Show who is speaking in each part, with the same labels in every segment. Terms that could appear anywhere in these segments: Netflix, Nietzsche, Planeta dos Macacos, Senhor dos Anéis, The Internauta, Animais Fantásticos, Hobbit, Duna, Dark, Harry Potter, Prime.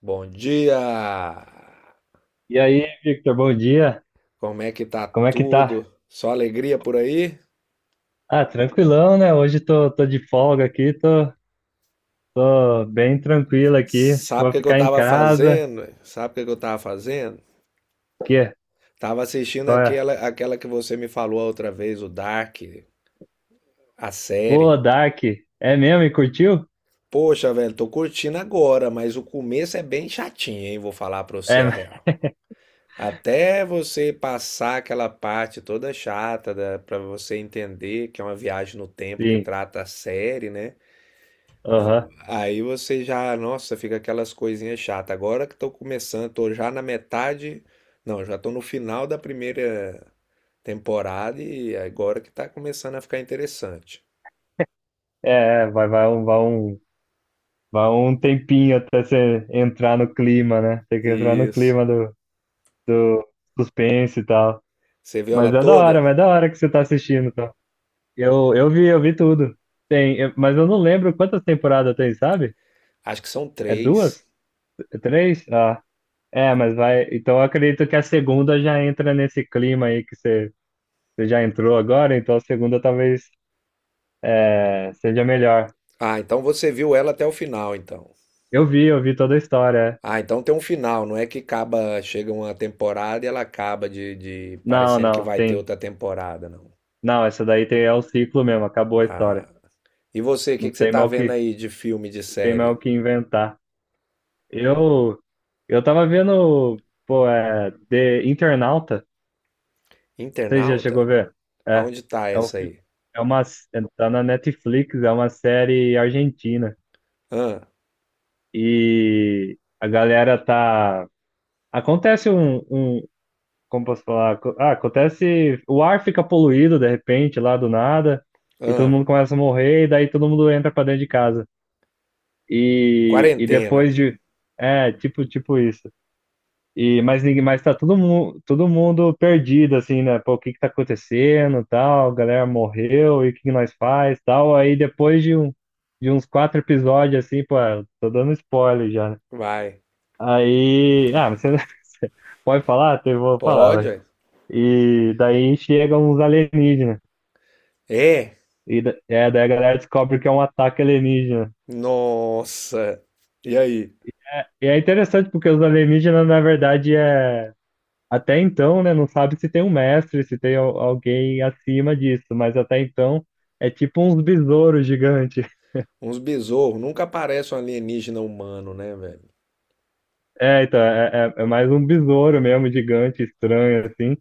Speaker 1: Bom dia!
Speaker 2: E aí, Victor, bom dia.
Speaker 1: Como é que tá
Speaker 2: Como é que tá?
Speaker 1: tudo? Só alegria por aí?
Speaker 2: Ah, tranquilão, né? Hoje tô de folga aqui, tô bem tranquilo aqui. Acho que
Speaker 1: Sabe o
Speaker 2: vou
Speaker 1: que que eu
Speaker 2: ficar em
Speaker 1: tava
Speaker 2: casa.
Speaker 1: fazendo? Sabe o que que eu tava fazendo?
Speaker 2: O quê?
Speaker 1: Tava assistindo
Speaker 2: Qual é?
Speaker 1: aquela que você me falou a outra vez, o Dark, a
Speaker 2: Ô,
Speaker 1: série.
Speaker 2: Dark, é mesmo? E curtiu?
Speaker 1: Poxa, velho, tô curtindo agora, mas o começo é bem chatinho, hein? Vou falar pra você a
Speaker 2: É,
Speaker 1: real. Até você passar aquela parte toda chata, da, pra você entender que é uma viagem no tempo que
Speaker 2: sim.
Speaker 1: trata a série, né?
Speaker 2: Aham.
Speaker 1: Aí você já, nossa, fica aquelas coisinhas chatas. Agora que estou começando, tô já na metade, não, já tô no final da primeira temporada e agora que tá começando a ficar interessante.
Speaker 2: É, é, vai, vai, um, vai, um, vai um tempinho até você entrar no clima, né? Tem que entrar no
Speaker 1: Isso.
Speaker 2: clima do suspense e tal.
Speaker 1: Você viu ela
Speaker 2: Mas é da hora,
Speaker 1: toda?
Speaker 2: mas é da hora que você tá assistindo, tá? Eu vi, eu vi tudo. Mas eu não lembro quantas temporadas tem, sabe?
Speaker 1: Acho que são
Speaker 2: É
Speaker 1: três.
Speaker 2: duas? É três? Ah, é, mas vai. Então eu acredito que a segunda já entra nesse clima aí que você já entrou agora, então a segunda talvez, é, seja melhor.
Speaker 1: Ah, então você viu ela até o final, então.
Speaker 2: Eu vi toda a história. É.
Speaker 1: Ah, então tem um final, não é que acaba, chega uma temporada e ela acaba de
Speaker 2: Não,
Speaker 1: parecendo que
Speaker 2: não,
Speaker 1: vai ter
Speaker 2: tem.
Speaker 1: outra temporada, não.
Speaker 2: Não, essa daí tem, é o ciclo mesmo, acabou a história.
Speaker 1: Ah. E você, o que
Speaker 2: Não
Speaker 1: que você
Speaker 2: tem
Speaker 1: tá
Speaker 2: mais o
Speaker 1: vendo
Speaker 2: que,
Speaker 1: aí de filme, de
Speaker 2: não tem mais
Speaker 1: série?
Speaker 2: o que inventar. Eu, eu tava vendo, pô, é, The Internauta. Você já chegou a
Speaker 1: Internauta?
Speaker 2: ver? É,
Speaker 1: Aonde tá
Speaker 2: é um
Speaker 1: essa
Speaker 2: filme,
Speaker 1: aí?
Speaker 2: é uma, tá na Netflix, é uma série argentina
Speaker 1: Ah,
Speaker 2: e acontece como posso falar? Acontece, o ar fica poluído de repente lá do nada e todo
Speaker 1: ah,
Speaker 2: mundo começa a morrer e daí todo mundo entra pra dentro de casa e, e
Speaker 1: quarentena.
Speaker 2: depois de, é, tipo isso. E, mas tá todo mundo perdido, assim, né? Pô, o que que tá acontecendo, tal, a galera morreu, e o que que nós faz, tal. Aí depois de, um, de uns quatro episódios, assim, pô, eu tô dando spoiler já, né?
Speaker 1: Vai.
Speaker 2: Aí, ah, mas você, você pode falar? Então eu vou falar,
Speaker 1: Pode,
Speaker 2: vai.
Speaker 1: ué.
Speaker 2: E daí chegam uns alienígenas,
Speaker 1: É?
Speaker 2: e daí a galera descobre que é um ataque alienígena.
Speaker 1: Nossa. E aí?
Speaker 2: E é interessante porque os alienígenas, na verdade, é. Até então, né, não sabe se tem um mestre, se tem alguém acima disso, mas até então é tipo uns besouros gigantes.
Speaker 1: Uns besouros. Nunca aparece um alienígena humano, né, velho?
Speaker 2: É, então, é mais um besouro mesmo, gigante, estranho, assim.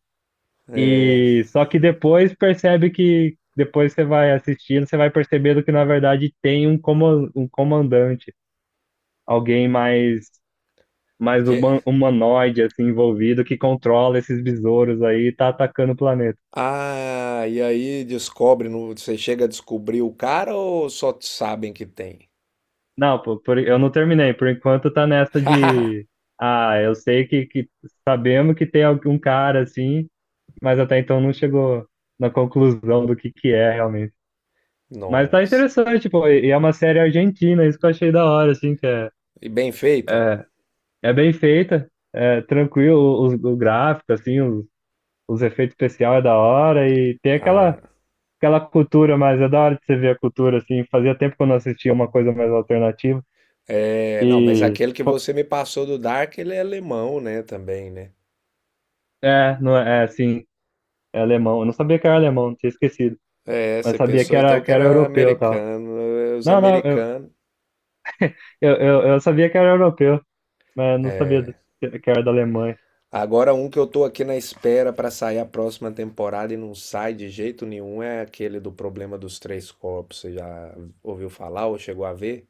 Speaker 1: É.
Speaker 2: E só que depois percebe que, depois você vai assistindo, você vai percebendo que na verdade tem um, um comandante, alguém mais,
Speaker 1: Que...
Speaker 2: humanoide, assim, envolvido, que controla esses besouros aí e tá atacando o planeta.
Speaker 1: Ah, e aí descobre, no... você chega a descobrir o cara ou só sabem que tem?
Speaker 2: Não, pô, eu não terminei. Por enquanto tá nessa de. Ah, eu sei que sabemos que tem algum cara assim, mas até então não chegou na conclusão do que é realmente. Mas tá
Speaker 1: Nossa.
Speaker 2: interessante, pô, e é uma série argentina, isso que eu achei da hora, assim, que é,
Speaker 1: E bem feita?
Speaker 2: é bem feita, é tranquilo o gráfico, assim, os efeitos especiais é da hora e tem
Speaker 1: Ah,
Speaker 2: aquela cultura, mas é da hora de você ver a cultura, assim, fazia tempo que eu não assistia uma coisa mais alternativa
Speaker 1: é, não, mas
Speaker 2: e...
Speaker 1: aquele que você me passou do Dark, ele é alemão, né, também, né?
Speaker 2: É, não é, é, sim. É alemão. Eu não sabia que era alemão, tinha esquecido.
Speaker 1: É,
Speaker 2: Mas
Speaker 1: você
Speaker 2: sabia
Speaker 1: pensou então que
Speaker 2: que era
Speaker 1: era
Speaker 2: europeu e tal.
Speaker 1: americano, é, os
Speaker 2: Não, não,
Speaker 1: americanos.
Speaker 2: eu sabia que era europeu, mas não sabia que era da Alemanha.
Speaker 1: Agora, um que eu tô aqui na espera pra sair a próxima temporada e não sai de jeito nenhum é aquele do problema dos três corpos. Você já ouviu falar ou chegou a ver?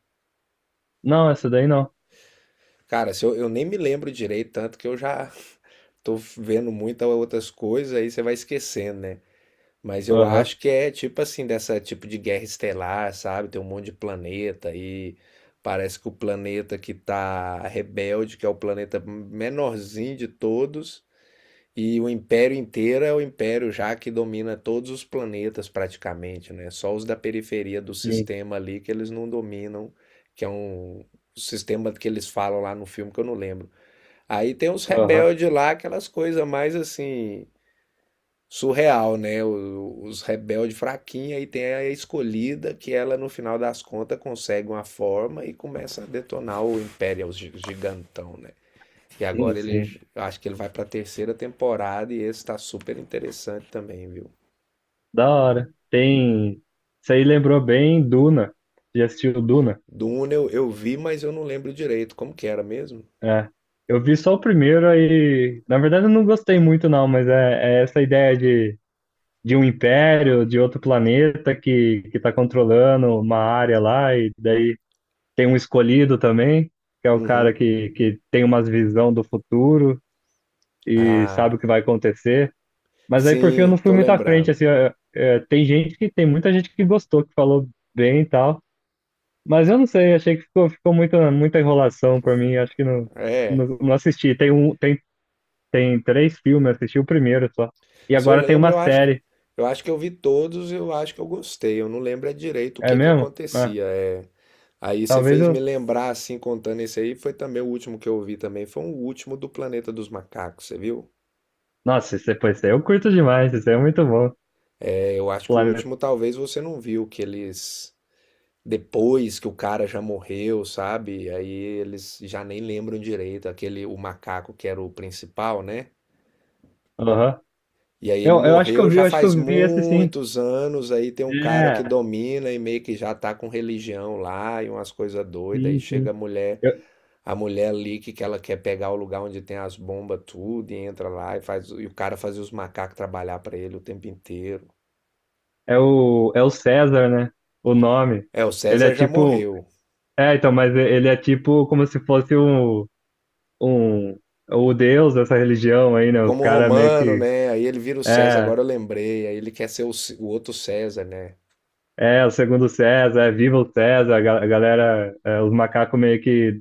Speaker 2: Não, essa daí não.
Speaker 1: Cara, se eu nem me lembro direito, tanto que eu já tô vendo muitas outras coisas, aí você vai esquecendo, né? Mas eu
Speaker 2: Aham,
Speaker 1: acho que é tipo assim, dessa tipo de guerra estelar, sabe? Tem um monte de planeta e parece que o planeta que tá rebelde, que é o planeta menorzinho de todos, e o império inteiro é o império já que domina todos os planetas praticamente, né? Só os da periferia do
Speaker 2: sim.
Speaker 1: sistema ali que eles não dominam, que é um sistema que eles falam lá no filme que eu não lembro. Aí tem os
Speaker 2: Aham,
Speaker 1: rebeldes lá, aquelas coisas mais assim surreal, né? O- Os rebeldes fraquinha e tem a escolhida que ela no final das contas consegue uma forma e começa a detonar o Império, os gi- gigantão, né? E agora ele,
Speaker 2: sim.
Speaker 1: j- acho que ele vai pra terceira temporada e esse tá super interessante também, viu?
Speaker 2: Da hora. Tem. Isso aí lembrou bem Duna. Já assistiu Duna?
Speaker 1: Duna eu vi, mas eu não lembro direito como que era mesmo.
Speaker 2: É. Eu vi só o primeiro aí. Na verdade, eu não gostei muito, não, mas é essa ideia de um império, de outro planeta que tá controlando uma área lá, e daí tem um escolhido também, que é o cara
Speaker 1: Uhum.
Speaker 2: que tem umas visão do futuro e sabe
Speaker 1: Ah,
Speaker 2: o que vai acontecer. Mas aí, por fim, eu
Speaker 1: sim,
Speaker 2: não fui
Speaker 1: tô
Speaker 2: muito à frente,
Speaker 1: lembrando.
Speaker 2: assim, tem gente que, tem muita gente que gostou, que falou bem e tal, mas eu não sei, achei que ficou, ficou muita enrolação pra mim, acho que não,
Speaker 1: É,
Speaker 2: não assisti. Tem três filmes, eu assisti o primeiro só. E
Speaker 1: se eu
Speaker 2: agora tem
Speaker 1: lembro,
Speaker 2: uma série,
Speaker 1: eu acho que eu vi todos, eu acho que eu gostei. Eu não lembro é direito o
Speaker 2: é
Speaker 1: que que
Speaker 2: mesmo? É,
Speaker 1: acontecia. É, aí você
Speaker 2: talvez
Speaker 1: fez me
Speaker 2: eu...
Speaker 1: lembrar, assim, contando esse aí, foi também o último que eu vi também, foi o último do Planeta dos Macacos, você viu?
Speaker 2: Nossa, esse, pô, esse aí eu curto demais, esse aí é muito bom.
Speaker 1: É, eu acho que o
Speaker 2: Planeta.
Speaker 1: último talvez você não viu, que eles, depois que o cara já morreu, sabe? Aí eles já nem lembram direito, aquele, o macaco que era o principal, né?
Speaker 2: Aham.
Speaker 1: E aí ele
Speaker 2: Eu acho que eu
Speaker 1: morreu
Speaker 2: vi,
Speaker 1: já
Speaker 2: eu acho que
Speaker 1: faz
Speaker 2: eu vi esse sim.
Speaker 1: muitos anos, aí tem um cara que
Speaker 2: É,
Speaker 1: domina e meio que já tá com religião lá e umas coisas doidas, aí
Speaker 2: sim,
Speaker 1: chega a
Speaker 2: sim.
Speaker 1: mulher.
Speaker 2: Eu-
Speaker 1: A mulher ali que ela quer pegar o lugar onde tem as bombas, tudo, e entra lá e faz. E o cara fazia os macacos trabalhar pra ele o tempo inteiro.
Speaker 2: é é o César, né? O nome.
Speaker 1: É, o
Speaker 2: Ele é
Speaker 1: César já
Speaker 2: tipo.
Speaker 1: morreu.
Speaker 2: É, então, mas ele é tipo como se fosse um, o deus dessa religião aí, né? Os
Speaker 1: Como
Speaker 2: caras meio
Speaker 1: romano,
Speaker 2: que.
Speaker 1: né? Aí ele vira o César,
Speaker 2: É,
Speaker 1: agora eu lembrei. Aí ele quer ser o, C- o outro César, né?
Speaker 2: o segundo César, é viva o César, a galera, é, os macacos meio que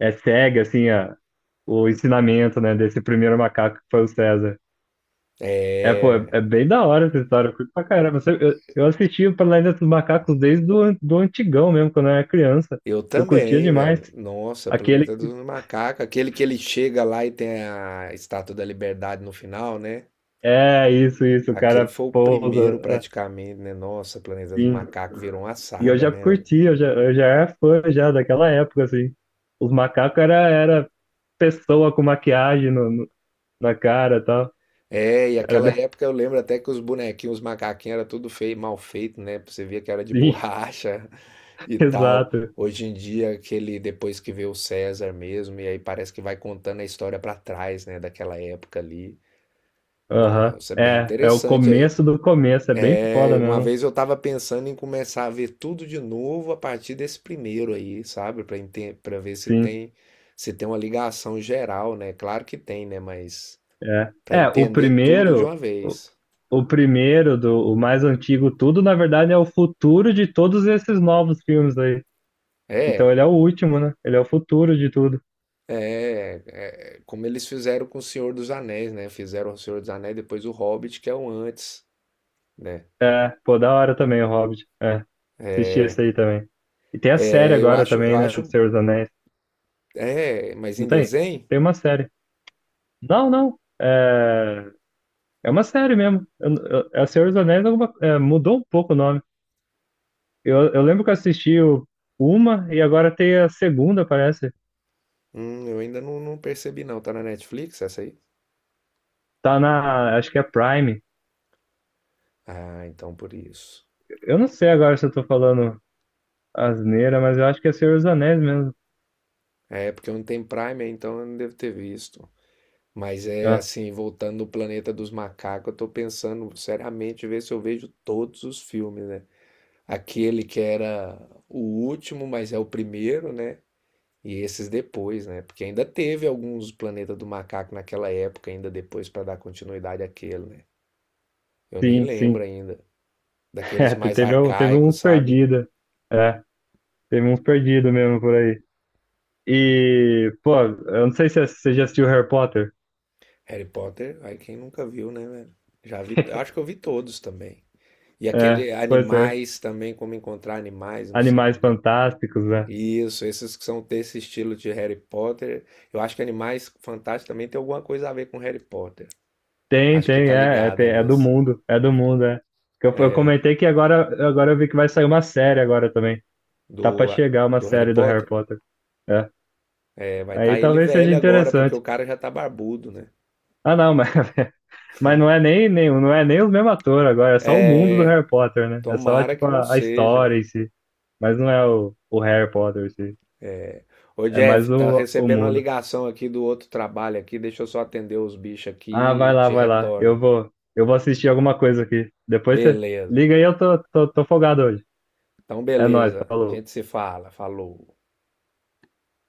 Speaker 2: é, segue, assim, o ensinamento, né? Desse primeiro macaco que foi o César. É, pô,
Speaker 1: É.
Speaker 2: é bem da hora essa história, eu curto pra caramba. Eu assisti o Planeta dos Macacos desde do antigão mesmo, quando eu era criança.
Speaker 1: Eu
Speaker 2: Eu curtia
Speaker 1: também,
Speaker 2: demais.
Speaker 1: velho. Nossa,
Speaker 2: Aquele.
Speaker 1: Planeta dos Macacos. Aquele que ele chega lá e tem a Estátua da Liberdade no final, né?
Speaker 2: É, isso, o
Speaker 1: Aquele
Speaker 2: cara
Speaker 1: foi o primeiro
Speaker 2: pousa,
Speaker 1: praticamente, né? Nossa, Planeta dos
Speaker 2: assim.
Speaker 1: Macacos virou uma
Speaker 2: E eu
Speaker 1: saga,
Speaker 2: já
Speaker 1: né, velho?
Speaker 2: curti, eu já era fã já daquela época, assim. Era pessoa com maquiagem no na cara e tal.
Speaker 1: É, e
Speaker 2: Era
Speaker 1: aquela
Speaker 2: bem
Speaker 1: época eu lembro até que os bonequinhos, os macaquinhos era tudo feio, mal feito, né? Você via que era de
Speaker 2: assim,
Speaker 1: borracha e tal.
Speaker 2: exato.
Speaker 1: Hoje em dia, aquele depois que vê o César mesmo, e aí parece que vai contando a história pra trás, né, daquela época ali.
Speaker 2: Aham.
Speaker 1: Nossa, bem
Speaker 2: É, é o
Speaker 1: interessante.
Speaker 2: começo do começo, é bem foda
Speaker 1: É, uma
Speaker 2: mesmo.
Speaker 1: vez eu tava pensando em começar a ver tudo de novo a partir desse primeiro aí, sabe? Pra enten- pra ver se
Speaker 2: Sim,
Speaker 1: tem se tem uma ligação geral, né? Claro que tem, né? Mas
Speaker 2: é.
Speaker 1: pra
Speaker 2: É, o
Speaker 1: entender tudo de
Speaker 2: primeiro.
Speaker 1: uma vez.
Speaker 2: O mais antigo, tudo, na verdade, é o futuro de todos esses novos filmes aí. Então
Speaker 1: É,
Speaker 2: ele é o último, né? Ele é o futuro de tudo.
Speaker 1: é, é, como eles fizeram com o Senhor dos Anéis, né? Fizeram o Senhor dos Anéis, depois o Hobbit, que é o antes, né?
Speaker 2: É, pô, da hora também o Hobbit. É, assisti esse aí também. E tem a série
Speaker 1: É, eu
Speaker 2: agora
Speaker 1: acho, eu
Speaker 2: também, né? Do
Speaker 1: acho,
Speaker 2: Senhor dos Anéis.
Speaker 1: é, mas
Speaker 2: Não
Speaker 1: em
Speaker 2: tem?
Speaker 1: desenho,
Speaker 2: Tem uma série. Não, não. É, é uma série mesmo. É o Senhor dos Anéis é, mudou um pouco o nome. Eu lembro que eu assisti uma e agora tem a segunda, parece.
Speaker 1: eu ainda não, não percebi não. Tá na Netflix essa aí?
Speaker 2: Tá na. Acho que é Prime.
Speaker 1: Ah, então por isso.
Speaker 2: Eu não sei agora se eu tô falando asneira, mas eu acho que é Senhor dos Anéis mesmo.
Speaker 1: É, porque eu não tenho Prime, então eu não devo ter visto. Mas é
Speaker 2: Ah,
Speaker 1: assim, voltando no Planeta dos Macacos, eu tô pensando seriamente ver se eu vejo todos os filmes, né? Aquele que era o último, mas é o primeiro, né? E esses depois, né? Porque ainda teve alguns Planeta do Macaco naquela época, ainda depois para dar continuidade àquele, né? Eu nem
Speaker 2: sim,
Speaker 1: lembro
Speaker 2: sim.
Speaker 1: ainda. Daqueles
Speaker 2: É,
Speaker 1: mais
Speaker 2: teve, teve
Speaker 1: arcaicos,
Speaker 2: uns
Speaker 1: sabe?
Speaker 2: perdidos. É, teve uns perdidos mesmo por aí. E, pô, eu não sei se é, você já assistiu Harry Potter.
Speaker 1: Harry Potter, aí quem nunca viu, né, velho? Já vi, acho que eu vi todos também. E
Speaker 2: É,
Speaker 1: aquele
Speaker 2: pois é.
Speaker 1: animais também, como encontrar animais, não sei
Speaker 2: Animais
Speaker 1: como que é.
Speaker 2: Fantásticos, né?
Speaker 1: Isso, esses que são desse estilo de Harry Potter. Eu acho que Animais Fantásticos também tem alguma coisa a ver com Harry Potter.
Speaker 2: Tem,
Speaker 1: Acho que
Speaker 2: tem,
Speaker 1: tá
Speaker 2: é, é,
Speaker 1: ligado
Speaker 2: tem-
Speaker 1: ali,
Speaker 2: é do
Speaker 1: assim.
Speaker 2: mundo, é do mundo, é. Que eu comentei que agora eu vi que vai sair uma série agora também. Tá pra
Speaker 1: Do,
Speaker 2: chegar uma
Speaker 1: do Harry
Speaker 2: série do Harry
Speaker 1: Potter.
Speaker 2: Potter. É.
Speaker 1: É, vai estar
Speaker 2: Aí
Speaker 1: tá ele
Speaker 2: talvez seja
Speaker 1: velho agora, porque
Speaker 2: interessante.
Speaker 1: o cara já tá barbudo, né?
Speaker 2: Ah, não, mas mas não é nem, nem, não é nem o mesmo ator agora, é só o mundo do
Speaker 1: É,
Speaker 2: Harry Potter, né? É só,
Speaker 1: tomara
Speaker 2: tipo,
Speaker 1: que não
Speaker 2: a
Speaker 1: seja, né?
Speaker 2: história em si. Mas não é o Harry Potter em si.
Speaker 1: Ô
Speaker 2: É mais
Speaker 1: Jeff, tá
Speaker 2: o
Speaker 1: recebendo uma
Speaker 2: mundo.
Speaker 1: ligação aqui do outro trabalho aqui, deixa eu só atender os bichos
Speaker 2: Ah,
Speaker 1: aqui
Speaker 2: vai
Speaker 1: e
Speaker 2: lá,
Speaker 1: te
Speaker 2: vai lá. Eu
Speaker 1: retorno.
Speaker 2: vou, eu vou assistir alguma coisa aqui. Depois você
Speaker 1: Beleza.
Speaker 2: liga aí, tô folgado hoje.
Speaker 1: Então,
Speaker 2: É nóis,
Speaker 1: beleza. A
Speaker 2: falou.
Speaker 1: gente se fala. Falou.